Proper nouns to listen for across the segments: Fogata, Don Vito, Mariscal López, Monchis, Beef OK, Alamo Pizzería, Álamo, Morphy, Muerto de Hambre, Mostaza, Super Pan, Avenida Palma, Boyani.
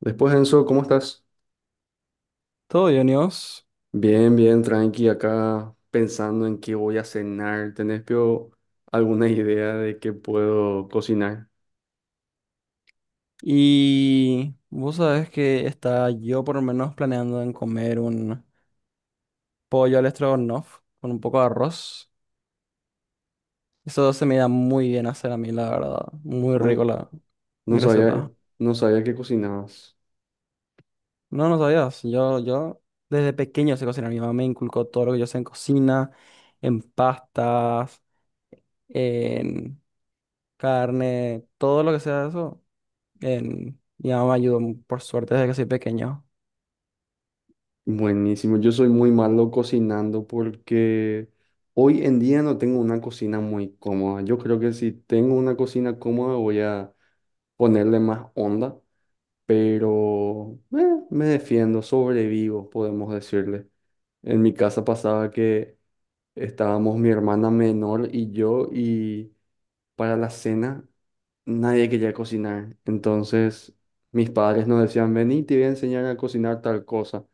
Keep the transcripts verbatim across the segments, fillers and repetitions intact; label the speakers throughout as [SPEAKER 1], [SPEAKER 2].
[SPEAKER 1] Después, Enzo, ¿cómo estás?
[SPEAKER 2] Todo bien, Dios.
[SPEAKER 1] Bien, bien, tranqui, acá pensando en qué voy a cenar. ¿Tenés pio, alguna idea de qué puedo cocinar?
[SPEAKER 2] Y vos sabés que está yo por lo menos planeando en comer un pollo al estrogonoff con un poco de arroz. Eso se me da muy bien hacer a mí, la verdad. Muy
[SPEAKER 1] Ah,
[SPEAKER 2] rico la
[SPEAKER 1] no
[SPEAKER 2] mi
[SPEAKER 1] sabía,
[SPEAKER 2] receta.
[SPEAKER 1] no sabía que cocinabas.
[SPEAKER 2] No, no sabías. Yo, yo desde pequeño sé cocinar. Mi mamá me inculcó todo lo que yo sé en cocina, en pastas, en carne, todo lo que sea eso. En... Mi mamá me ayudó, por suerte, desde que soy pequeño.
[SPEAKER 1] Buenísimo, yo soy muy malo cocinando porque hoy en día no tengo una cocina muy cómoda. Yo creo que si tengo una cocina cómoda voy a ponerle más onda, pero eh, me defiendo, sobrevivo, podemos decirle. En mi casa pasaba que estábamos mi hermana menor y yo y para la cena nadie quería cocinar. Entonces mis padres nos decían, vení, te voy a enseñar a cocinar tal cosa.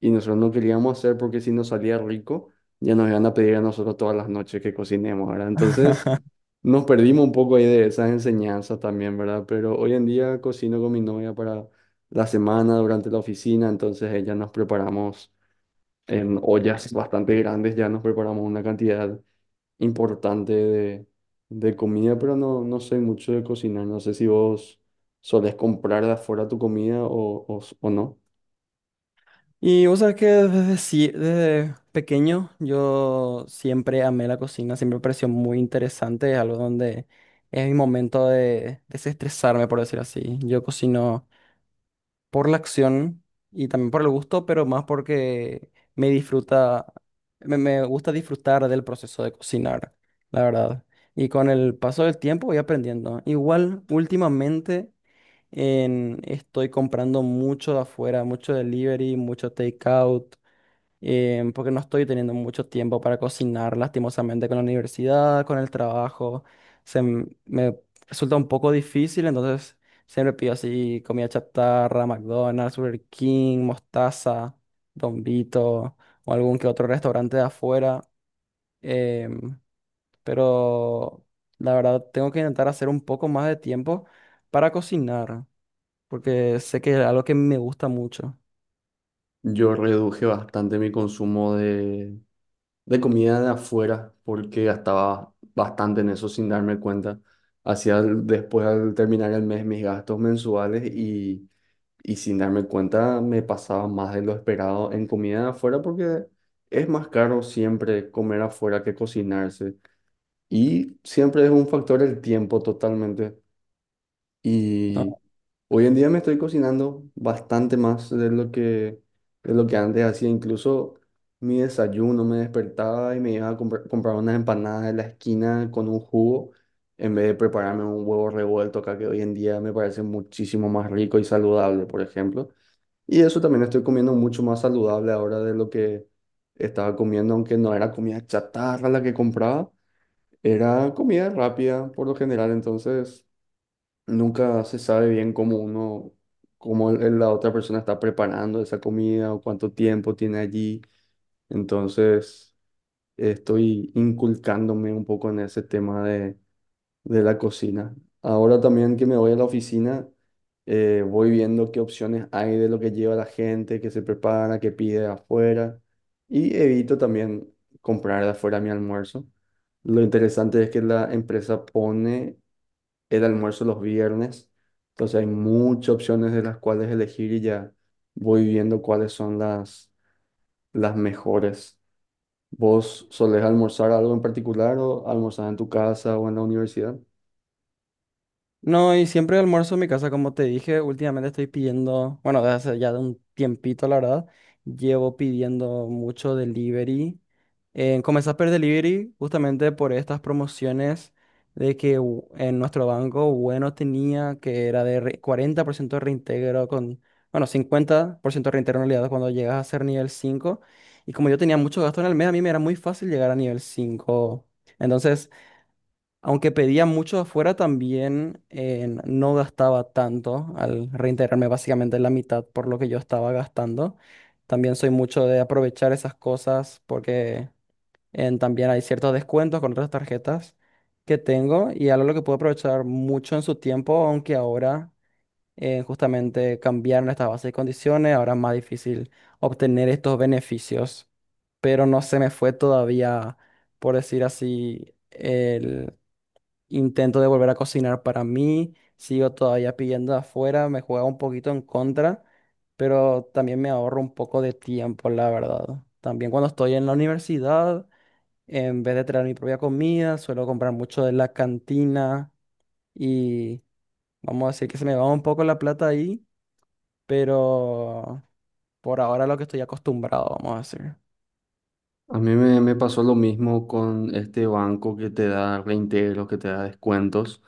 [SPEAKER 1] Y nosotros no queríamos hacer porque si nos salía rico, ya nos iban a pedir a nosotros todas las noches que cocinemos, ¿verdad? Entonces nos perdimos un poco ahí de esas enseñanzas también, ¿verdad? Pero hoy en día cocino con mi novia para la semana durante la oficina, entonces ella nos preparamos en ollas bastante grandes, ya nos preparamos una cantidad importante de, de comida, pero no, no sé mucho de cocinar. No sé si vos solés comprar de afuera tu comida o, o, o no.
[SPEAKER 2] Y vos sabés que desde, sí- desde pequeño yo siempre amé la cocina, siempre me pareció muy interesante, es algo donde es mi momento de desestresarme, por decir así. Yo cocino por la acción y también por el gusto, pero más porque me disfruta, me, me gusta disfrutar del proceso de cocinar, la verdad. Y con el paso del tiempo voy aprendiendo. Igual, últimamente en- estoy comprando mucho de afuera, mucho delivery, mucho takeout, eh, porque no estoy teniendo mucho tiempo para cocinar, lastimosamente, con la universidad, con el trabajo. Se m- me resulta un poco difícil, entonces siempre pido así comida chatarra, McDonald's, Burger King, Mostaza, Don Vito o algún que otro restaurante de afuera. em, pero la verdad tengo que intentar hacer un poco más de tiempo para cocinar, porque sé que es algo que me gusta mucho.
[SPEAKER 1] Yo reduje bastante mi consumo de, de comida de afuera porque gastaba bastante en eso sin darme cuenta. Hacía el- después al terminar el mes mis gastos mensuales y, y sin darme cuenta me pasaba más de lo esperado en comida de afuera porque es más caro siempre comer afuera que cocinarse. Y siempre es un factor el tiempo totalmente. Y
[SPEAKER 2] ¿No?
[SPEAKER 1] hoy en día me estoy cocinando bastante más de lo que, de lo que antes hacía. Incluso mi desayuno me despertaba y me iba a comprar, comprar unas empanadas de la esquina con un jugo en vez de prepararme un huevo revuelto acá que hoy en día me parece muchísimo más rico y saludable, por ejemplo. Y eso también estoy comiendo mucho más saludable ahora de lo que estaba comiendo, aunque no era comida chatarra la que compraba. Era comida rápida por lo general, entonces nunca se sabe bien cómo uno, cómo el- el- la otra persona está preparando esa comida o cuánto tiempo tiene allí. Entonces estoy inculcándome un poco en ese tema de la cocina. Ahora también que me voy a la oficina, eh, voy viendo qué opciones hay de lo que lleva la gente, qué se prepara, qué pide afuera y evito también comprar de afuera mi almuerzo. Lo interesante es que la empresa pone el almuerzo los viernes, entonces hay muchas opciones de las cuales elegir y ya voy viendo cuáles son las, las mejores. ¿Vos solés almorzar algo en particular o almorzás en tu casa o en la universidad?
[SPEAKER 2] No, y siempre almuerzo en mi casa, como te dije, últimamente estoy pidiendo, bueno, desde hace ya de un tiempito, la verdad, llevo pidiendo mucho delivery. Eh, comencé a pedir delivery justamente por estas promociones de que u- en nuestro banco Bueno tenía, que era de re- cuarenta por ciento de reintegro con, bueno, cincuenta por ciento de reintegro en realidad cuando llegas a ser nivel cinco. Y como yo tenía mucho gasto en el mes, a mí me era muy fácil llegar a nivel cinco. Entonces... Aunque pedía mucho afuera, también eh, no gastaba tanto al reintegrarme básicamente la mitad por lo que yo estaba gastando. También soy mucho de aprovechar esas cosas porque en- también hay ciertos descuentos con otras tarjetas que tengo y algo lo que puedo aprovechar mucho en su tiempo, aunque ahora eh, justamente cambiaron estas bases y condiciones, ahora es más difícil obtener estos beneficios, pero no se me fue todavía, por decir así. Intento de volver a cocinar para mí, sigo todavía pidiendo de afuera, me juega un poquito en contra, pero también me ahorro un poco de tiempo, la verdad. También cuando estoy en la universidad, en vez de traer mi propia comida, suelo comprar mucho de la cantina y vamos a decir que se me va un poco la plata ahí, pero por ahora lo que estoy acostumbrado, vamos a decir.
[SPEAKER 1] A mí me, me pasó lo mismo con este banco que te da reintegros, que te da descuentos.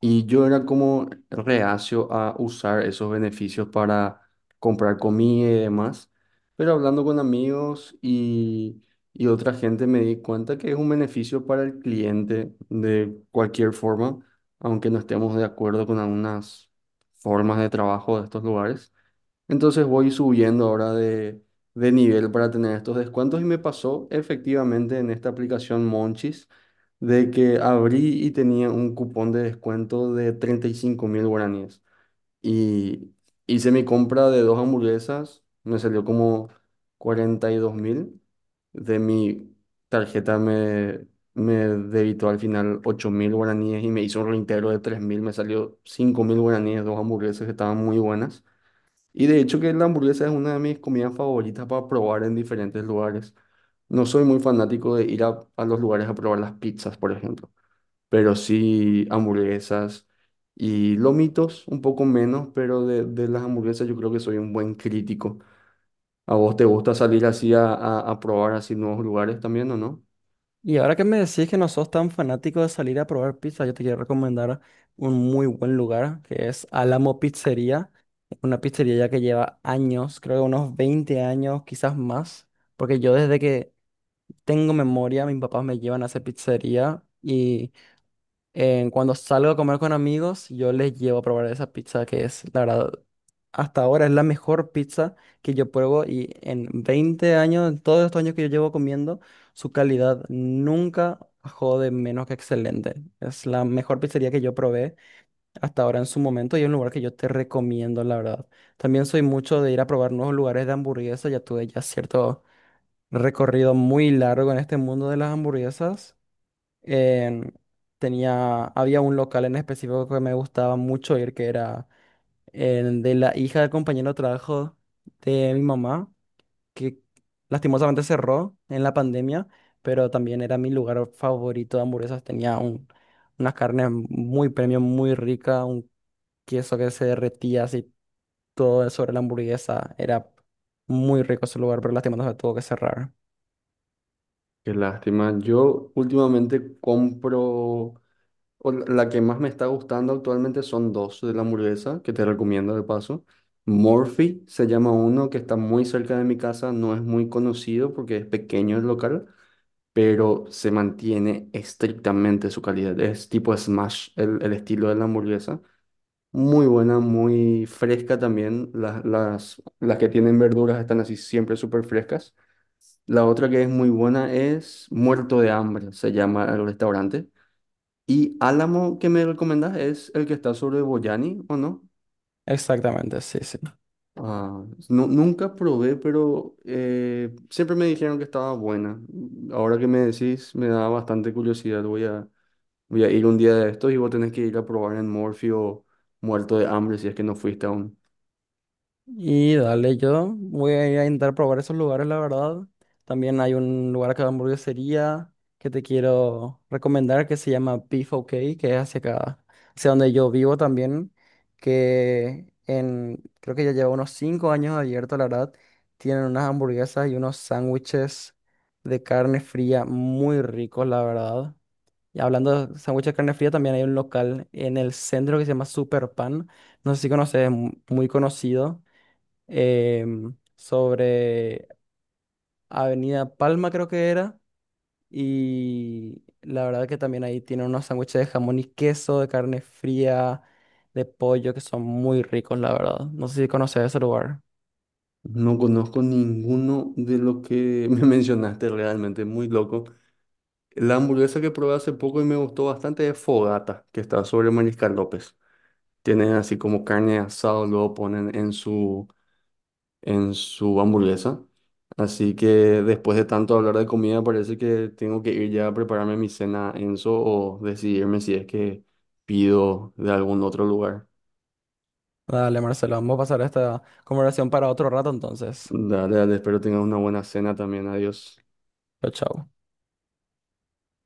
[SPEAKER 1] Y yo era como reacio a usar esos beneficios para comprar comida y demás. Pero hablando con amigos y, y otra gente me di cuenta que es un beneficio para el cliente de cualquier forma, aunque no estemos de acuerdo con algunas formas de trabajo de estos lugares. Entonces voy subiendo ahora de, de nivel para tener estos descuentos y me pasó efectivamente en esta aplicación Monchis de que abrí y tenía un cupón de descuento de treinta y cinco mil guaraníes. Y hice mi compra de dos hamburguesas, me salió como cuarenta y dos mil. De mi tarjeta me, me debitó al final ocho mil guaraníes y me hizo un reintegro de tres mil, me salió cinco mil guaraníes, dos hamburguesas que estaban muy buenas. Y de hecho que la hamburguesa es una de mis comidas favoritas para probar en diferentes lugares. No soy muy fanático de ir a, a los lugares a probar las pizzas, por ejemplo, pero sí hamburguesas y lomitos, un poco menos, pero de, de las hamburguesas yo creo que soy un buen crítico. ¿A vos te gusta salir así a, a, a probar así nuevos lugares también o no?
[SPEAKER 2] Y ahora que me decís que no sos tan fanático de salir a probar pizza, yo te quiero recomendar un muy buen lugar que es Alamo Pizzería. Una pizzería ya que lleva años, creo que unos veinte años, quizás más. Porque yo desde que tengo memoria, mis papás me llevan a esa pizzería y en cuando salgo a comer con amigos, yo les llevo a probar esa pizza que es, la verdad, hasta ahora es la mejor pizza que yo pruebo y en veinte años, en todos estos años que yo llevo comiendo, su calidad nunca bajó de menos que excelente. Es la mejor pizzería que yo probé hasta ahora en su momento y es un lugar que yo te recomiendo, la verdad. También soy mucho de ir a probar nuevos lugares de hamburguesas, ya tuve ya cierto recorrido muy largo en este mundo de las hamburguesas en- tenía, había un local en específico que me gustaba mucho ir, que era el de la hija del compañero de trabajo de mi mamá, que lastimosamente cerró en la pandemia, pero también era mi lugar favorito de hamburguesas. Tenía un, unas carnes muy premium, muy rica, un queso que se derretía así todo sobre la hamburguesa. Era muy rico ese lugar, pero lastimosamente tuvo que cerrar.
[SPEAKER 1] Qué lástima. Yo últimamente compro... O la la que más me está gustando actualmente son dos de la hamburguesa, que te recomiendo de paso. Morphy se llama uno que está muy cerca de mi casa, no es muy conocido porque es pequeño el local, pero se mantiene estrictamente su calidad. Es tipo smash el, el estilo de la hamburguesa. Muy buena, muy fresca también. Las, las, las que tienen verduras están así siempre súper frescas. La otra que es muy buena es Muerto de Hambre, se llama el restaurante. Y Álamo que me recomendás es el que está sobre Boyani, ¿o no?
[SPEAKER 2] Exactamente, sí, sí.
[SPEAKER 1] Ah, nu- nunca probé, pero eh, siempre me dijeron que estaba buena. Ahora que me decís, me da bastante curiosidad. Voy a, voy a ir un día de estos y vos tenés que ir a probar en Morfeo muerto de hambre si es que no fuiste aún.
[SPEAKER 2] Y dale, yo voy a ir a intentar probar esos lugares, la verdad. También hay un lugar acá de hamburguesería que te quiero recomendar que se llama Beef OK, que es hacia acá, hacia donde yo vivo también, que en, creo que ya lleva unos cinco años abierto, la verdad. Tienen unas hamburguesas y unos sándwiches de carne fría muy ricos, la verdad. Y hablando de sándwiches de carne fría, también hay un local en el centro que se llama Super Pan. No sé si conoces, es mu- muy conocido, em, sobre Avenida Palma, creo que era. Y la verdad que también ahí tiene unos sándwiches de jamón y queso, de carne fría, de pollo, que son muy ricos, la verdad. No sé si conoces ese lugar.
[SPEAKER 1] No conozco ninguno de lo que me mencionaste realmente, muy loco. La hamburguesa que probé hace poco y me gustó bastante es Fogata, que está sobre Mariscal López. Tienen así como carne asada, luego ponen en su, en su hamburguesa. Así que después de tanto hablar de comida, parece que tengo que ir ya a prepararme mi cena, Enzo, o decidirme si es que pido de algún otro lugar.
[SPEAKER 2] Dale, Marcelo, vamos a pasar esta conversación para otro rato entonces.
[SPEAKER 1] Dale, dale, espero tengas una buena cena también. Adiós.
[SPEAKER 2] Chao, chao.